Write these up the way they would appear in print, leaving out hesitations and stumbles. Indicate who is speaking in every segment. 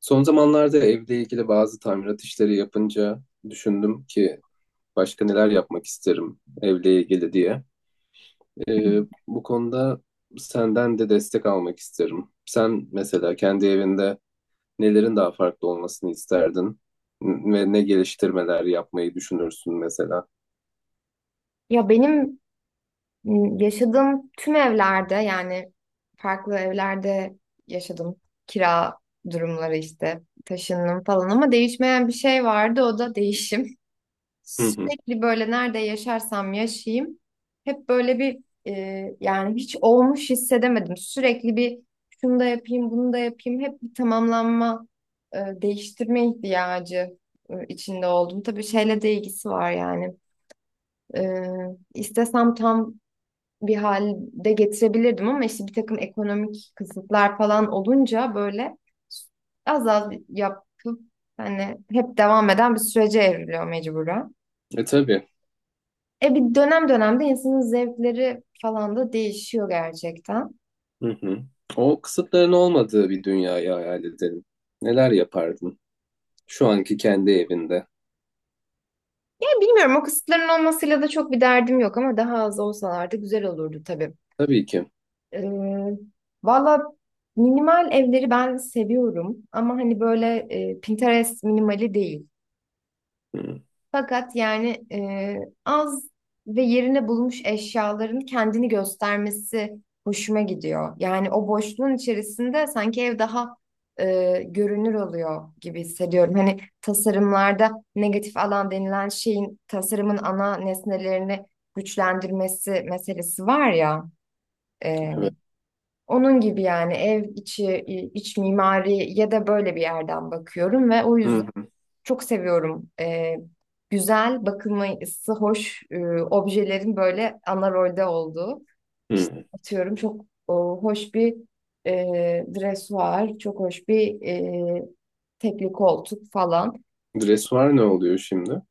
Speaker 1: Son zamanlarda evle ilgili bazı tamirat işleri yapınca düşündüm ki başka neler yapmak isterim evle ilgili diye. Ee, Bu konuda senden de destek almak isterim. Sen mesela kendi evinde nelerin daha farklı olmasını isterdin ve ne geliştirmeler yapmayı düşünürsün mesela?
Speaker 2: Ya benim yaşadığım tüm evlerde yani farklı evlerde yaşadım. Kira durumları işte taşındım falan ama değişmeyen bir şey vardı, o da değişim.
Speaker 1: Hı hı.
Speaker 2: Sürekli böyle nerede yaşarsam yaşayayım hep böyle bir yani hiç olmuş hissedemedim. Sürekli bir şunu da yapayım bunu da yapayım hep bir tamamlanma, değiştirme ihtiyacı içinde oldum. Tabii şeyle de ilgisi var yani. E, istesem tam bir halde getirebilirdim ama işte bir takım ekonomik kısıtlar falan olunca böyle az az yapıp hani hep devam eden bir sürece evriliyor mecburen.
Speaker 1: E tabii.
Speaker 2: E bir dönemde insanın zevkleri falan da değişiyor gerçekten.
Speaker 1: Hı hı. O kısıtların olmadığı bir dünyayı hayal edelim. Neler yapardın şu anki kendi evinde?
Speaker 2: E bilmiyorum, o kısıtların olmasıyla da çok bir derdim yok ama daha az olsalardı güzel olurdu tabii.
Speaker 1: Tabii ki.
Speaker 2: Ee, valla minimal evleri ben seviyorum ama hani böyle Pinterest minimali değil.
Speaker 1: Hı,
Speaker 2: Fakat yani az ve yerine bulmuş eşyaların kendini göstermesi hoşuma gidiyor. Yani o boşluğun içerisinde sanki ev daha görünür oluyor gibi hissediyorum. Hani tasarımlarda negatif alan denilen şeyin tasarımın ana nesnelerini güçlendirmesi meselesi var ya. e,
Speaker 1: evet.
Speaker 2: Onun gibi yani ev içi, iç mimari ya da böyle bir yerden bakıyorum ve o yüzden
Speaker 1: Hı hı.
Speaker 2: çok seviyorum. Güzel, bakılması hoş objelerin böyle ana rolde olduğu. İşte
Speaker 1: Hı.
Speaker 2: atıyorum çok o, hoş bir e, dresuar, çok hoş bir tekli koltuk falan.
Speaker 1: Dressuar ne oluyor şimdi?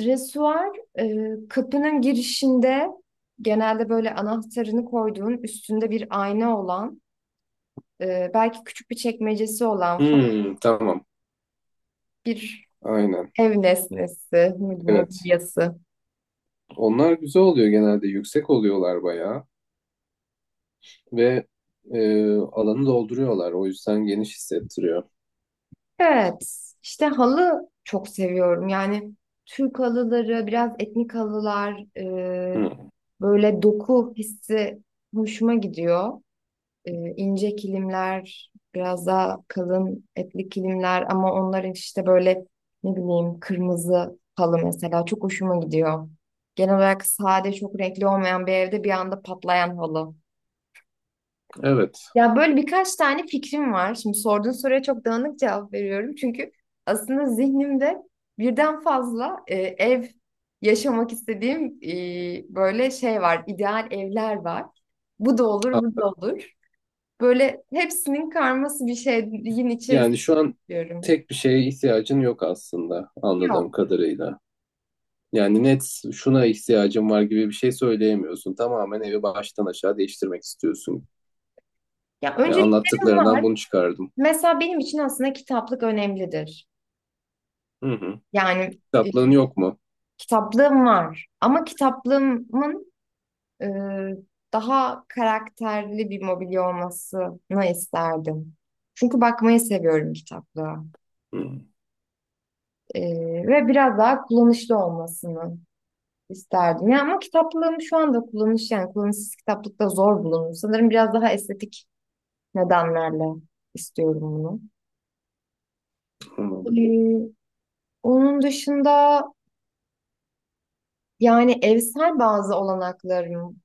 Speaker 2: Dresuar kapının girişinde genelde böyle anahtarını koyduğun, üstünde bir ayna olan, belki küçük bir çekmecesi olan falan
Speaker 1: Hmm, tamam.
Speaker 2: bir
Speaker 1: Aynen.
Speaker 2: ev nesnesi,
Speaker 1: Evet.
Speaker 2: mobilyası.
Speaker 1: Onlar güzel oluyor genelde. Yüksek oluyorlar bayağı. Ve e, alanı dolduruyorlar. O yüzden geniş hissettiriyor.
Speaker 2: Evet, işte halı çok seviyorum. Yani Türk halıları, biraz etnik halılar, e,
Speaker 1: Hmm,
Speaker 2: böyle doku hissi hoşuma gidiyor. E, ince kilimler, biraz daha kalın etli kilimler ama onların işte böyle ne bileyim kırmızı halı mesela çok hoşuma gidiyor. Genel olarak sade, çok renkli olmayan bir evde bir anda patlayan halı.
Speaker 1: evet.
Speaker 2: Ya böyle birkaç tane fikrim var. Şimdi sorduğun soruya çok dağınık cevap veriyorum. Çünkü aslında zihnimde birden fazla ev yaşamak istediğim böyle şey var. İdeal evler var. Bu da olur, bu
Speaker 1: A-
Speaker 2: da olur. Böyle hepsinin karması bir şeyin içerisinde
Speaker 1: Yani şu an
Speaker 2: diyorum.
Speaker 1: tek bir şeye ihtiyacın yok aslında anladığım
Speaker 2: Yok.
Speaker 1: kadarıyla. Yani net şuna ihtiyacım var gibi bir şey söyleyemiyorsun. Tamamen evi baştan aşağı değiştirmek istiyorsun.
Speaker 2: Ya
Speaker 1: Yani
Speaker 2: önceliklerim
Speaker 1: anlattıklarından
Speaker 2: var.
Speaker 1: bunu çıkardım.
Speaker 2: Mesela benim için aslında kitaplık önemlidir.
Speaker 1: Hı hı.
Speaker 2: Yani e,
Speaker 1: Kitaplığın yok mu?
Speaker 2: kitaplığım var. Ama kitaplığımın e, daha karakterli bir mobilya olmasını isterdim. Çünkü bakmayı seviyorum kitaplığa.
Speaker 1: Hı.
Speaker 2: E, ve biraz daha kullanışlı olmasını isterdim. Ya ama kitaplığım şu anda yani kullanışsız kitaplıkta zor bulunur. Sanırım biraz daha estetik nedenlerle istiyorum bunu. E,
Speaker 1: Anladım.
Speaker 2: onun dışında yani evsel bazı olanaklarım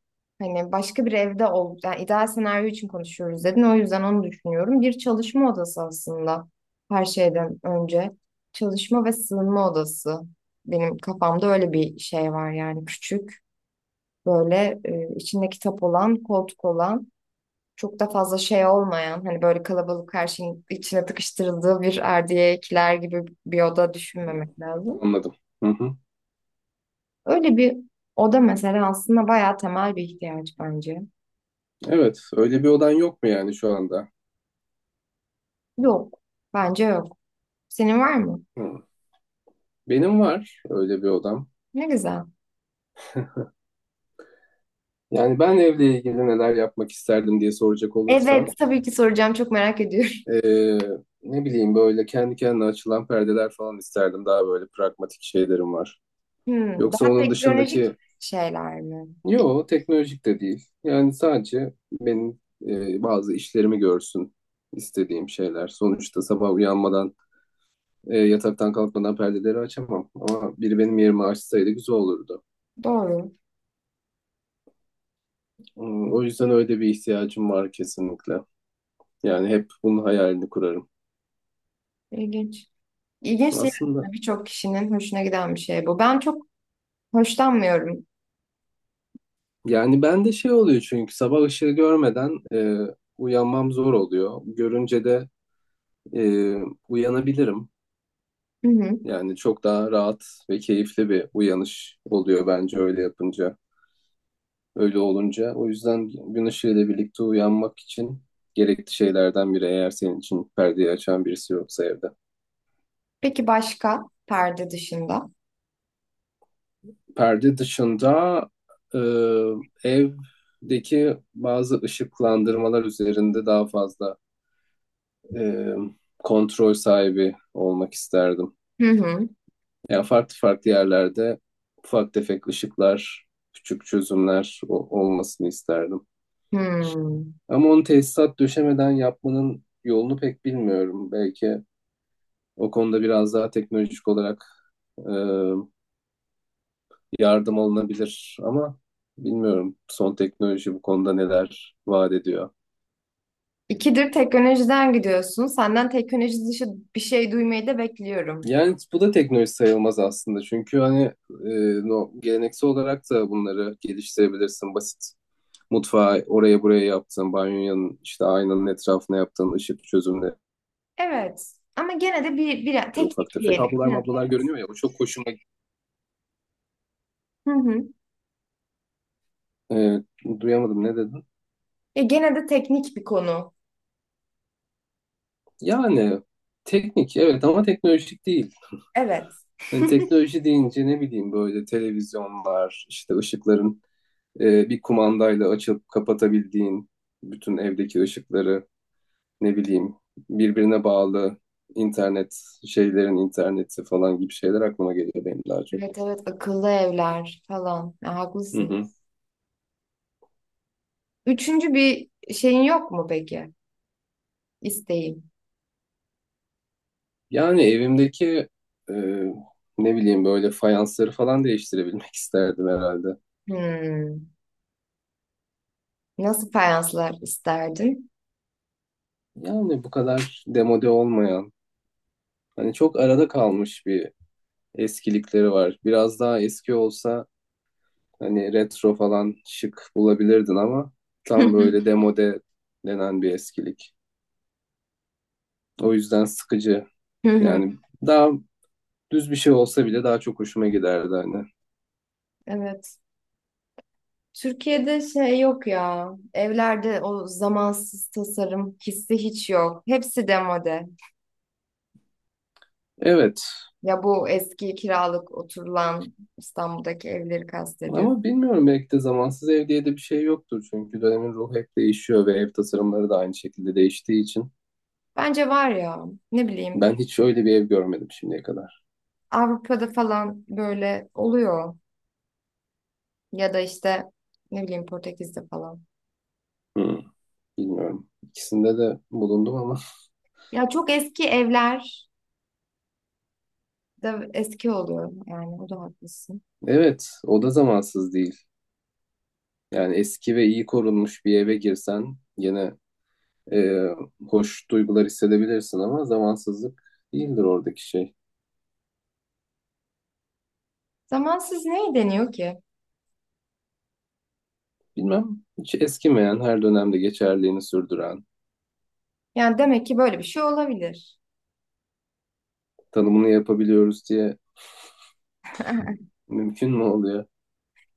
Speaker 2: hani başka bir evde ol yani ideal senaryo için konuşuyoruz dedin, o yüzden onu düşünüyorum. Bir çalışma odası aslında her şeyden önce çalışma ve sığınma odası benim kafamda öyle bir şey var. Yani küçük böyle içinde kitap olan, koltuk olan, çok da fazla şey olmayan, hani böyle kalabalık her şeyin içine tıkıştırıldığı bir erdiye kiler gibi bir oda
Speaker 1: Hı,
Speaker 2: düşünmemek lazım.
Speaker 1: anladım. Hı hı.
Speaker 2: Öyle bir oda mesela aslında bayağı temel bir ihtiyaç bence.
Speaker 1: Evet, öyle bir odan yok mu yani şu anda?
Speaker 2: Yok. Bence yok. Senin var mı?
Speaker 1: Hı. Benim var öyle bir odam.
Speaker 2: Ne güzel.
Speaker 1: Yani ben evle ilgili neler yapmak isterdim diye soracak olursan,
Speaker 2: Evet, tabii ki soracağım. Çok merak ediyorum.
Speaker 1: eee, ne bileyim böyle kendi kendine açılan perdeler falan isterdim. Daha böyle pragmatik şeylerim var.
Speaker 2: Hmm,
Speaker 1: Yoksa
Speaker 2: daha
Speaker 1: onun dışındaki,
Speaker 2: teknolojik şeyler mi?
Speaker 1: yo teknolojik de değil. Yani sadece benim bazı işlerimi görsün istediğim şeyler. Sonuçta sabah uyanmadan yataktan kalkmadan perdeleri açamam. Ama biri benim yerimi açsaydı güzel olurdu.
Speaker 2: Doğru.
Speaker 1: Hmm, o yüzden öyle bir ihtiyacım var kesinlikle. Yani hep bunun hayalini kurarım.
Speaker 2: İlginç. İlginç değil
Speaker 1: Aslında
Speaker 2: aslında. Birçok kişinin hoşuna giden bir şey bu. Ben çok hoşlanmıyorum.
Speaker 1: yani ben de şey oluyor çünkü sabah ışığı görmeden uyanmam zor oluyor. Görünce de e, uyanabilirim.
Speaker 2: Hı hı.
Speaker 1: Yani çok daha rahat ve keyifli bir uyanış oluyor bence öyle yapınca. Öyle olunca. O yüzden gün ışığıyla birlikte uyanmak için gerekli şeylerden biri eğer senin için perdeyi açan birisi yoksa evde.
Speaker 2: Peki başka perde dışında?
Speaker 1: Perde dışında e, evdeki bazı ışıklandırmalar üzerinde daha fazla e, kontrol sahibi olmak isterdim.
Speaker 2: Hı hı.
Speaker 1: Yani farklı farklı yerlerde ufak tefek ışıklar, küçük çözümler o- olmasını isterdim.
Speaker 2: Hmm.
Speaker 1: Ama onu tesisat döşemeden yapmanın yolunu pek bilmiyorum. Belki o konuda biraz daha teknolojik olarak e, yardım alınabilir ama bilmiyorum son teknoloji bu konuda neler vaat ediyor.
Speaker 2: İkidir teknolojiden gidiyorsun. Senden teknoloji dışı bir şey duymayı da bekliyorum.
Speaker 1: Yani bu da teknoloji sayılmaz aslında çünkü hani e, no, geleneksel olarak da bunları geliştirebilirsin basit. Mutfağı oraya buraya yaptın, banyonun işte aynanın etrafına yaptığın ışık çözümleri
Speaker 2: Evet. Ama gene de bir
Speaker 1: ufak
Speaker 2: teknik
Speaker 1: tefek. Kablolar
Speaker 2: diyelim.
Speaker 1: mablolar görünüyor ya o çok hoşuma gitti.
Speaker 2: Hı hı.
Speaker 1: E, duyamadım ne dedin?
Speaker 2: Ya gene de teknik bir konu.
Speaker 1: Yani teknik evet ama teknolojik değil.
Speaker 2: Evet.
Speaker 1: Hani teknoloji deyince ne bileyim böyle televizyonlar, işte ışıkların bir kumandayla açıp kapatabildiğin bütün evdeki ışıkları, ne bileyim birbirine bağlı internet şeylerin interneti falan gibi şeyler aklıma geliyor benim daha çok.
Speaker 2: Evet evet, akıllı evler falan. Ya,
Speaker 1: Hı
Speaker 2: haklısın.
Speaker 1: hı.
Speaker 2: Üçüncü bir şeyin yok mu peki? İsteğin.
Speaker 1: Yani evimdeki e, ne bileyim böyle fayansları falan değiştirebilmek isterdim herhalde.
Speaker 2: Hmm. Nasıl fayanslar isterdin?
Speaker 1: Yani bu kadar demode olmayan, hani çok arada kalmış bir eskilikleri var. Biraz daha eski olsa hani retro falan şık bulabilirdin ama tam böyle demode denen bir eskilik. O yüzden sıkıcı.
Speaker 2: Hı hı.
Speaker 1: Yani daha düz bir şey olsa bile daha çok hoşuma giderdi hani.
Speaker 2: Evet. Türkiye'de şey yok ya. Evlerde o zamansız tasarım hissi hiç yok. Hepsi demode.
Speaker 1: Evet
Speaker 2: Ya bu eski kiralık oturulan İstanbul'daki evleri kastediyor.
Speaker 1: ama bilmiyorum belki de zamansız ev diye de bir şey yoktur. Çünkü dönemin ruhu hep değişiyor ve ev tasarımları da aynı şekilde değiştiği için.
Speaker 2: Bence var ya. Ne bileyim.
Speaker 1: Ben hiç öyle bir ev görmedim şimdiye kadar.
Speaker 2: Avrupa'da falan böyle oluyor. Ya da işte ne bileyim Portekiz'de falan.
Speaker 1: Hmm, bilmiyorum. İkisinde de bulundum ama.
Speaker 2: Ya çok eski evler da eski oluyor yani o da haklısın.
Speaker 1: Evet o da zamansız değil. Yani eski ve iyi korunmuş bir eve girsen yine e, hoş duygular hissedebilirsin ama zamansızlık değildir oradaki şey.
Speaker 2: Zamansız neye deniyor ki?
Speaker 1: Bilmem, hiç eskimeyen, her dönemde geçerliğini sürdüren,
Speaker 2: Yani demek ki böyle bir şey olabilir.
Speaker 1: tanımını yapabiliyoruz diye mümkün mü oluyor?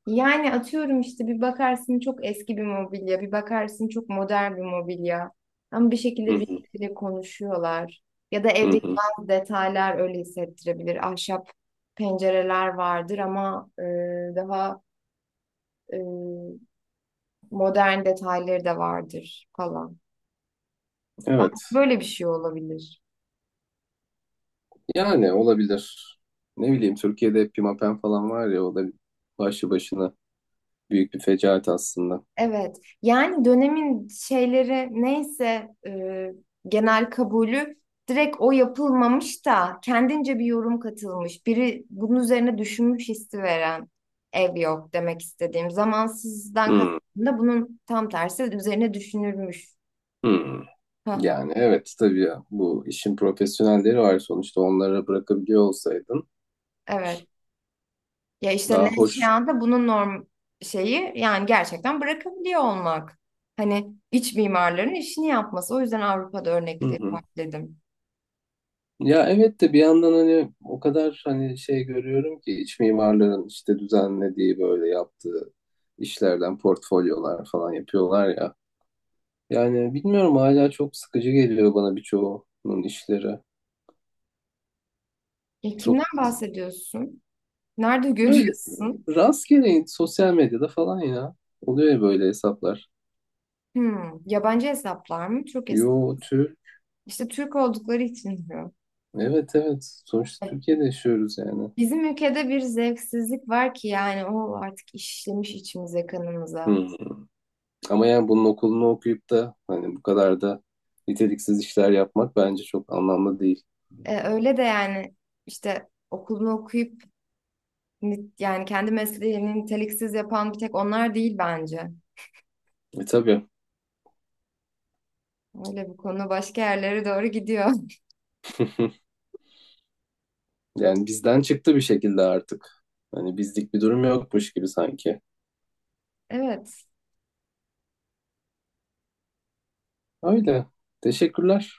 Speaker 2: Yani atıyorum işte bir bakarsın çok eski bir mobilya, bir bakarsın çok modern bir mobilya. Ama bir
Speaker 1: Hı
Speaker 2: şekilde
Speaker 1: hı,
Speaker 2: birbiriyle konuşuyorlar. Ya da
Speaker 1: hı
Speaker 2: evdeki
Speaker 1: hı.
Speaker 2: bazı detaylar öyle hissettirebilir. Ahşap pencereler vardır ama daha e, modern detayları da vardır falan. Belki
Speaker 1: Evet,
Speaker 2: böyle bir şey olabilir.
Speaker 1: yani olabilir. Ne bileyim, Türkiye'de pimapen falan var ya, o da başlı başına büyük bir fecaat aslında.
Speaker 2: Evet. Yani dönemin şeyleri neyse genel kabulü direkt o yapılmamış da kendince bir yorum katılmış. Biri bunun üzerine düşünmüş hissi veren ev yok demek istediğim. Zamansızdan
Speaker 1: Hı,
Speaker 2: kastımda bunun tam tersi, üzerine düşünülmüş.
Speaker 1: hı.
Speaker 2: Hı hı.
Speaker 1: Yani evet tabii ya, bu işin profesyonelleri var sonuçta onlara bırakabiliyor olsaydın
Speaker 2: Evet. Ya işte
Speaker 1: daha hoş.
Speaker 2: Nevşehir'de bunun norm şeyi yani gerçekten bırakabiliyor olmak. Hani iç mimarların işini yapması. O yüzden Avrupa'da
Speaker 1: Hı
Speaker 2: örnekleri
Speaker 1: hı.
Speaker 2: var dedim.
Speaker 1: Ya evet de bir yandan hani o kadar hani şey görüyorum ki iç mimarların işte düzenlediği böyle yaptığı işlerden portfolyolar falan yapıyorlar ya. Yani bilmiyorum hala çok sıkıcı geliyor bana birçoğunun işleri.
Speaker 2: E, kimden
Speaker 1: Çok
Speaker 2: bahsediyorsun? Nerede
Speaker 1: böyle
Speaker 2: görüyorsun?
Speaker 1: rastgele sosyal medyada falan ya. Oluyor ya böyle hesaplar.
Speaker 2: Hmm, yabancı hesaplar mı? Türk hesap.
Speaker 1: Yo Türk.
Speaker 2: İşte Türk oldukları için diyor.
Speaker 1: Evet evet. Sonuçta
Speaker 2: E,
Speaker 1: Türkiye'de yaşıyoruz yani.
Speaker 2: Bizim ülkede bir zevksizlik var ki yani o artık işlemiş içimize, kanımıza.
Speaker 1: Hmm. Ama yani bunun okulunu okuyup da hani bu kadar da niteliksiz işler yapmak bence çok anlamlı değil.
Speaker 2: E, öyle de yani işte okulunu okuyup yani kendi mesleğini niteliksiz yapan bir tek onlar değil bence.
Speaker 1: E tabii.
Speaker 2: Öyle bu konu başka yerlere doğru gidiyor.
Speaker 1: Yani bizden çıktı bir şekilde artık. Hani bizlik bir durum yokmuş gibi sanki.
Speaker 2: Evet,
Speaker 1: Öyle. Teşekkürler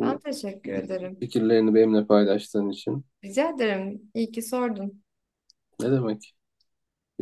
Speaker 2: ben teşekkür ederim.
Speaker 1: fikirlerini benimle paylaştığın için.
Speaker 2: Rica ederim. İyi ki sordun.
Speaker 1: Ne demek?